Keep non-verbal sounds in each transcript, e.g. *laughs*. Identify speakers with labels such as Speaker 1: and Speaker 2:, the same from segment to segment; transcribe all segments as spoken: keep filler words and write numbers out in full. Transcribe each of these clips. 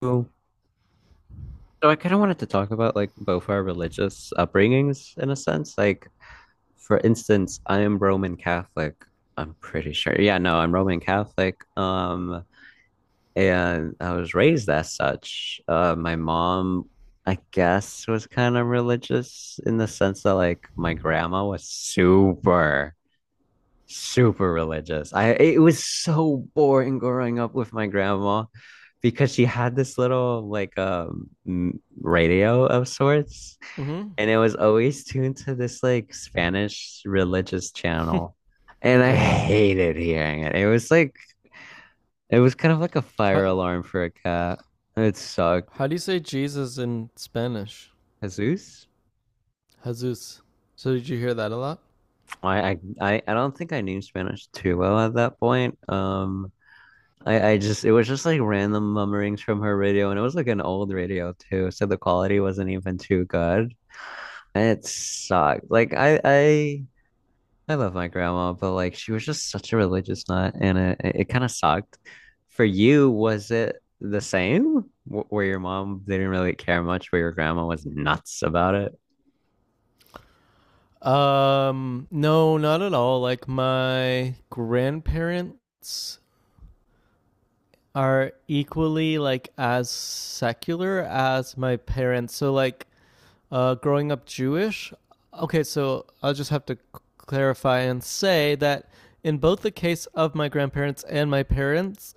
Speaker 1: So I kind of wanted to talk about like both our religious upbringings in a sense. Like, for instance, I am Roman Catholic. I'm pretty sure. Yeah, no, I'm Roman Catholic. Um, and I was raised as such. Uh, my mom, I guess, was kind of religious in the sense that like my grandma was super. super religious. I It was so boring growing up with my grandma because she had this little like um radio of sorts,
Speaker 2: Mm-hmm.
Speaker 1: and it was always tuned to this like Spanish religious channel. And I
Speaker 2: *laughs* Wow.
Speaker 1: hated hearing it. It was like It was kind of like a fire
Speaker 2: How,
Speaker 1: alarm for a cat. It sucked.
Speaker 2: how do you say Jesus in Spanish?
Speaker 1: Jesus.
Speaker 2: Jesus. So did you hear that a lot?
Speaker 1: I I I I don't think I knew Spanish too well at that point. Um I I just it was just like random mummerings from her radio, and it was like an old radio too, so the quality wasn't even too good, and it sucked. Like I I I love my grandma, but like she was just such a religious nut, and it it kind of sucked. For you, was it the same? Wh- Where your mom didn't really care much, where your grandma was nuts about it?
Speaker 2: Um, no, not at all. Like my grandparents are equally like as secular as my parents. So like uh, growing up Jewish. Okay, so I'll just have to c- clarify and say that in both the case of my grandparents and my parents,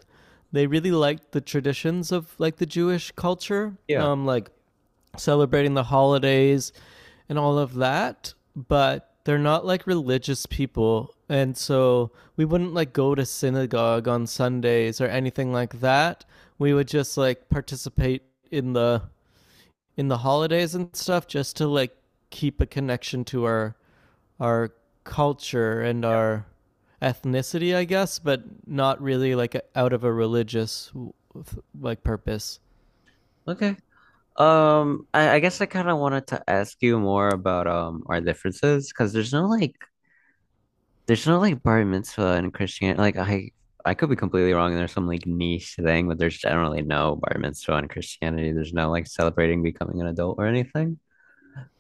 Speaker 2: they really liked the traditions of like the Jewish culture,
Speaker 1: Yeah.
Speaker 2: um, like celebrating the holidays and all of that. But they're not like religious people, and so we wouldn't like go to synagogue on Sundays or anything like that. We would just like participate in the in the holidays and stuff just to like keep a connection to our our culture and our ethnicity, I guess, but not really like a- out of a religious like purpose.
Speaker 1: Okay. Um, I, I guess I kind of wanted to ask you more about um our differences because there's no like there's no like bar mitzvah in Christianity. Like I, I could be completely wrong, and there's some like niche thing, but there's generally no bar mitzvah in Christianity. There's no like celebrating becoming an adult or anything.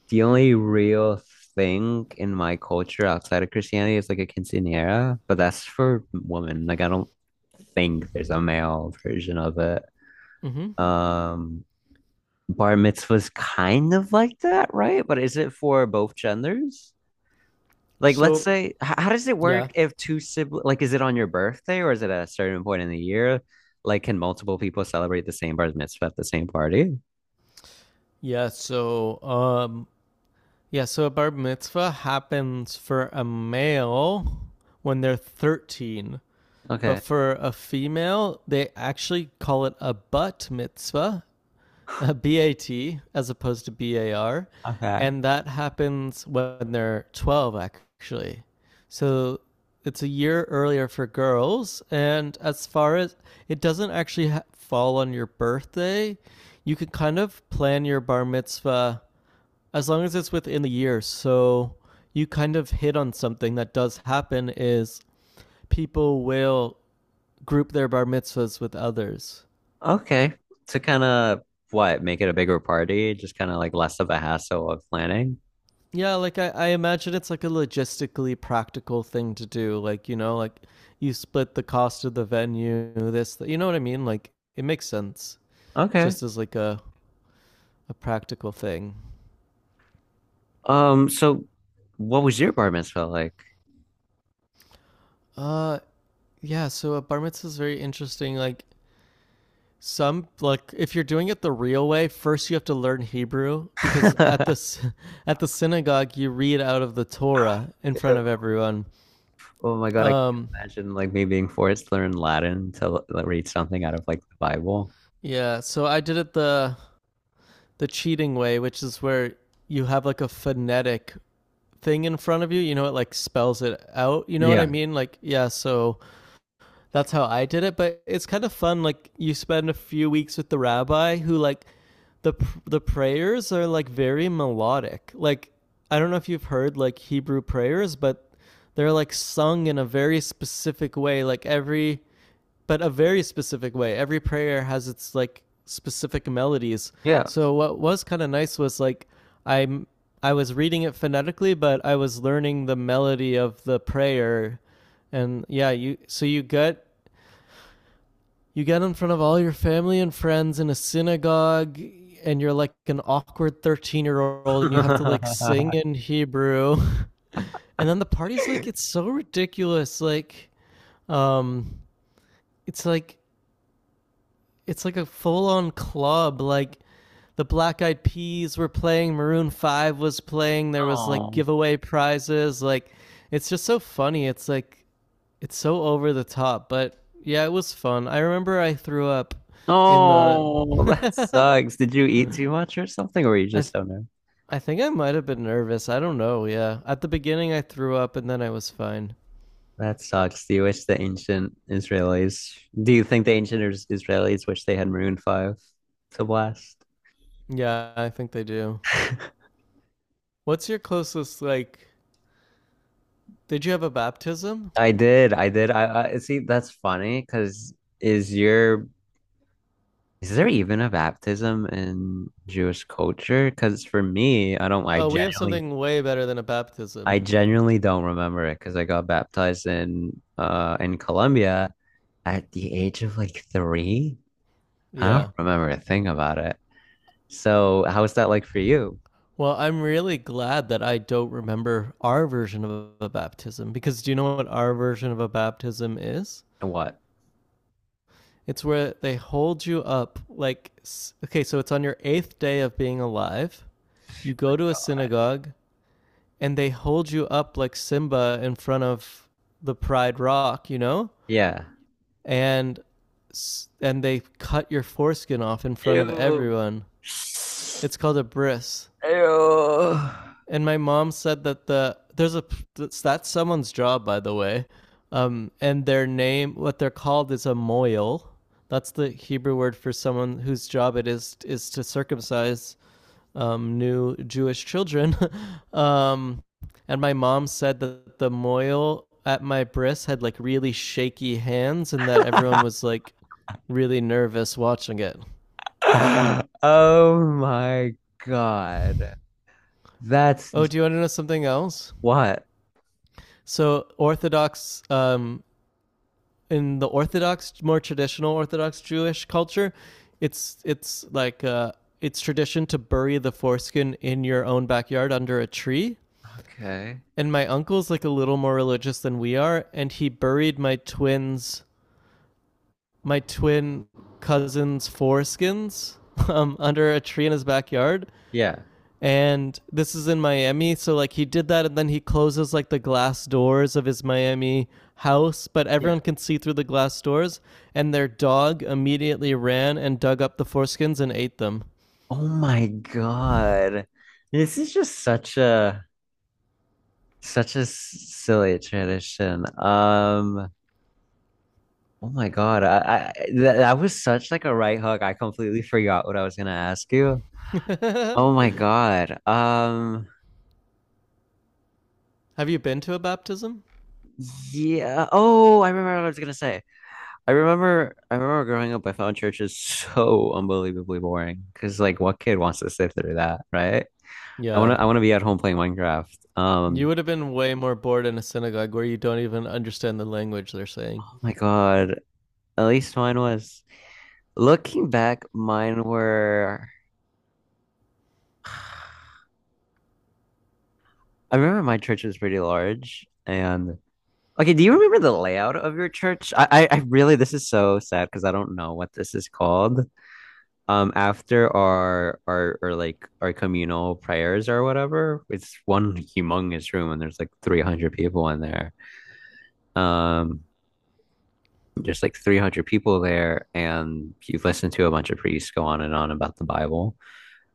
Speaker 1: The only real thing in my culture outside of Christianity is like a quinceañera, but that's for women. Like I don't think there's a male version of it.
Speaker 2: Mm-hmm.
Speaker 1: Um, Bar mitzvah's kind of like that, right? But is it for both genders? Like, let's
Speaker 2: So
Speaker 1: say, h- how does it
Speaker 2: yeah,
Speaker 1: work if two siblings, like, is it on your birthday or is it at a certain point in the year? Like, can multiple people celebrate the same bar mitzvah at the same party?
Speaker 2: yeah. So um, yeah. So a bar mitzvah happens for a male when they're thirteen, but
Speaker 1: Okay.
Speaker 2: for a female, they actually call it a butt mitzvah, *laughs* uh, BAT as opposed to BAR,
Speaker 1: Okay.
Speaker 2: and that happens when they're twelve actually. So it's a year earlier for girls, and as far as it doesn't actually ha- fall on your birthday, you can kind of plan your bar mitzvah as long as it's within the year. So you kind of hit on something that does happen is people will group their bar mitzvahs with others.
Speaker 1: Okay. To kind of what, make it a bigger party, just kind of like less of a hassle of planning.
Speaker 2: Yeah, like I, I imagine it's like a logistically practical thing to do. Like, you know, like you split the cost of the venue, this, th- you know what I mean? Like it makes sense
Speaker 1: Okay.
Speaker 2: just as like a, a practical thing.
Speaker 1: Um, so what was your bar mitzvah like?
Speaker 2: Uh, yeah, so a bar mitzvah is very interesting. Like some, like if you're doing it the real way, first you have to learn Hebrew because at
Speaker 1: *laughs*
Speaker 2: this, *laughs* at the synagogue, you read out of the Torah in front of
Speaker 1: Ew.
Speaker 2: everyone.
Speaker 1: Oh my God, I can't
Speaker 2: Um,
Speaker 1: imagine like me being forced to learn Latin to l- read something out of like the Bible.
Speaker 2: yeah, so I did it the the cheating way, which is where you have like a phonetic thing in front of you. You know, it like spells it out. You know what I
Speaker 1: Yeah.
Speaker 2: mean? Like, yeah, so that's how I did it. But it's kind of fun. Like, you spend a few weeks with the rabbi who, like, the, the prayers are like very melodic. Like, I don't know if you've heard like Hebrew prayers, but they're like sung in a very specific way. Like, every but a very specific way. Every prayer has its like specific melodies.
Speaker 1: Yeah.
Speaker 2: So what was kind of nice was like I'm I was reading it phonetically, but I was learning the melody of the prayer, and yeah, you so you get you get in front of all your family and friends in a synagogue, and you're like an awkward thirteen year old, and you have to like sing
Speaker 1: *laughs*
Speaker 2: in Hebrew, *laughs* and then the party's like it's so ridiculous, like um, it's like it's like a full on club. Like the Black Eyed Peas were playing, Maroon Five was playing. There was like
Speaker 1: Oh,
Speaker 2: giveaway prizes. Like it's just so funny. It's like it's so over the top, but yeah, it was fun. I remember I threw up
Speaker 1: yeah.
Speaker 2: in
Speaker 1: Oh, that
Speaker 2: the. *laughs*
Speaker 1: sucks. Did you eat too much or something, or were you
Speaker 2: I
Speaker 1: just
Speaker 2: th-
Speaker 1: so nervous?
Speaker 2: I think I might have been nervous. I don't know. Yeah, at the beginning I threw up and then I was fine.
Speaker 1: That sucks. Do you wish the ancient Israelis, do you think the ancient Is- Israelis wish they had Maroon five to blast?
Speaker 2: Yeah, I think they do.
Speaker 1: *laughs*
Speaker 2: What's your closest like? Did you have a baptism?
Speaker 1: I did. I did. I, I see. That's funny because is your is there even a baptism in Jewish culture? Because for me, I don't. I Um,
Speaker 2: Oh, we have
Speaker 1: genuinely,
Speaker 2: something way better than a
Speaker 1: I
Speaker 2: baptism.
Speaker 1: genuinely don't remember it because I got baptized in uh in Colombia, at the age of like three? I don't
Speaker 2: Yeah.
Speaker 1: remember a thing about it. So, how was that like for you?
Speaker 2: Well, I'm really glad that I don't remember our version of a baptism because do you know what our version of a baptism is?
Speaker 1: And what?
Speaker 2: It's where they hold you up like okay, so it's on your eighth day of being alive. You go
Speaker 1: Like,
Speaker 2: to a synagogue and they hold you up like Simba in front of the Pride Rock, you know?
Speaker 1: yeah.
Speaker 2: And and they cut your foreskin off in front of
Speaker 1: Ew.
Speaker 2: everyone. It's called a bris.
Speaker 1: Ew.
Speaker 2: And my mom said that the there's a that's someone's job, by the way. Um and their name, what they're called, is a moil. That's the Hebrew word for someone whose job it is is to circumcise um new Jewish children, *laughs* um and my mom said that the moil at my bris had like really shaky hands and that everyone
Speaker 1: *laughs*
Speaker 2: was like really nervous watching it.
Speaker 1: Oh my God. That's
Speaker 2: Oh, do you want to know something else?
Speaker 1: what?
Speaker 2: So Orthodox um, in the Orthodox, more traditional Orthodox Jewish culture, it's it's like uh, it's tradition to bury the foreskin in your own backyard under a tree.
Speaker 1: Okay.
Speaker 2: And my uncle's like a little more religious than we are, and he buried my twins, my twin cousins' foreskins, *laughs* um, under a tree in his backyard,
Speaker 1: Yeah.
Speaker 2: and this is in Miami. So like he did that, and then he closes like the glass doors of his Miami house, but
Speaker 1: Yeah.
Speaker 2: everyone can see through the glass doors. And their dog immediately ran and dug up the foreskins and ate them.
Speaker 1: Oh my God. This is just such a such a silly tradition. Um, Oh my God. I, I that, that was such like a right hook. I completely forgot what I was gonna ask you.
Speaker 2: *laughs* Have
Speaker 1: Oh my God. Um,
Speaker 2: you been to a baptism?
Speaker 1: yeah. Oh, I remember what I was gonna say. I remember I remember growing up, I found churches so unbelievably boring. Cause like what kid wants to sit through that, right? I wanna
Speaker 2: Yeah,
Speaker 1: I wanna be at home playing Minecraft.
Speaker 2: you
Speaker 1: Um
Speaker 2: would have been way more bored in a synagogue where you don't even understand the language they're saying.
Speaker 1: oh my God. At least mine was looking back, mine were *sighs* I remember my church was pretty large and okay, do you remember the layout of your church? I, I, I really, this is so sad because I don't know what this is called. Um, after our, our, or like our communal prayers or whatever, it's one humongous room and there's like three hundred people in there. Um, there's like three hundred people there, and you listen to a bunch of priests go on and on about the Bible.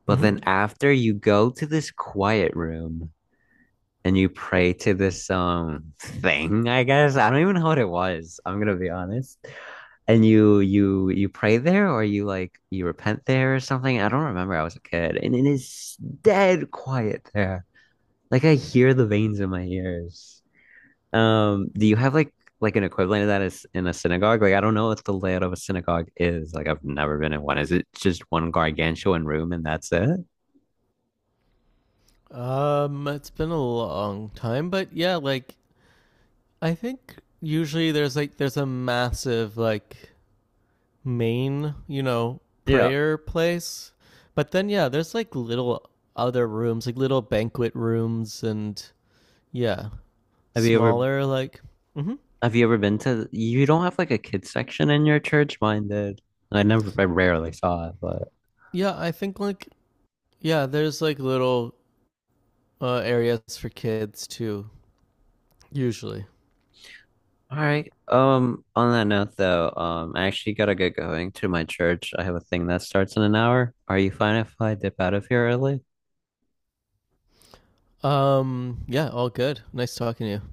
Speaker 1: But
Speaker 2: Mm-hmm.
Speaker 1: then after you go to this quiet room, and you pray to this um thing, I guess. I don't even know what it was. I'm gonna be honest. And you you you pray there or you like you repent there or something? I don't remember. I was a kid and it is dead quiet there. Like I hear the veins in my ears. Um, do you have like like an equivalent of that is in a synagogue? Like I don't know what the layout of a synagogue is. Like I've never been in one. Is it just one gargantuan room and that's it?
Speaker 2: Um, it's been a long time, but yeah, like I think usually there's like there's a massive like main, you know,
Speaker 1: Yeah.
Speaker 2: prayer place. But then yeah, there's like little other rooms, like little banquet rooms and yeah,
Speaker 1: Have you ever
Speaker 2: smaller like mhm.
Speaker 1: Have you ever been to, you don't have like a kids section in your church? Mine did. I never, I rarely saw it, but
Speaker 2: Yeah, I think like yeah, there's like little uh areas for kids too usually.
Speaker 1: all right. Um, on that note though, um, I actually gotta get going to my church. I have a thing that starts in an hour. Are you fine if I dip out of here early?
Speaker 2: Um yeah, all good. Nice talking to you.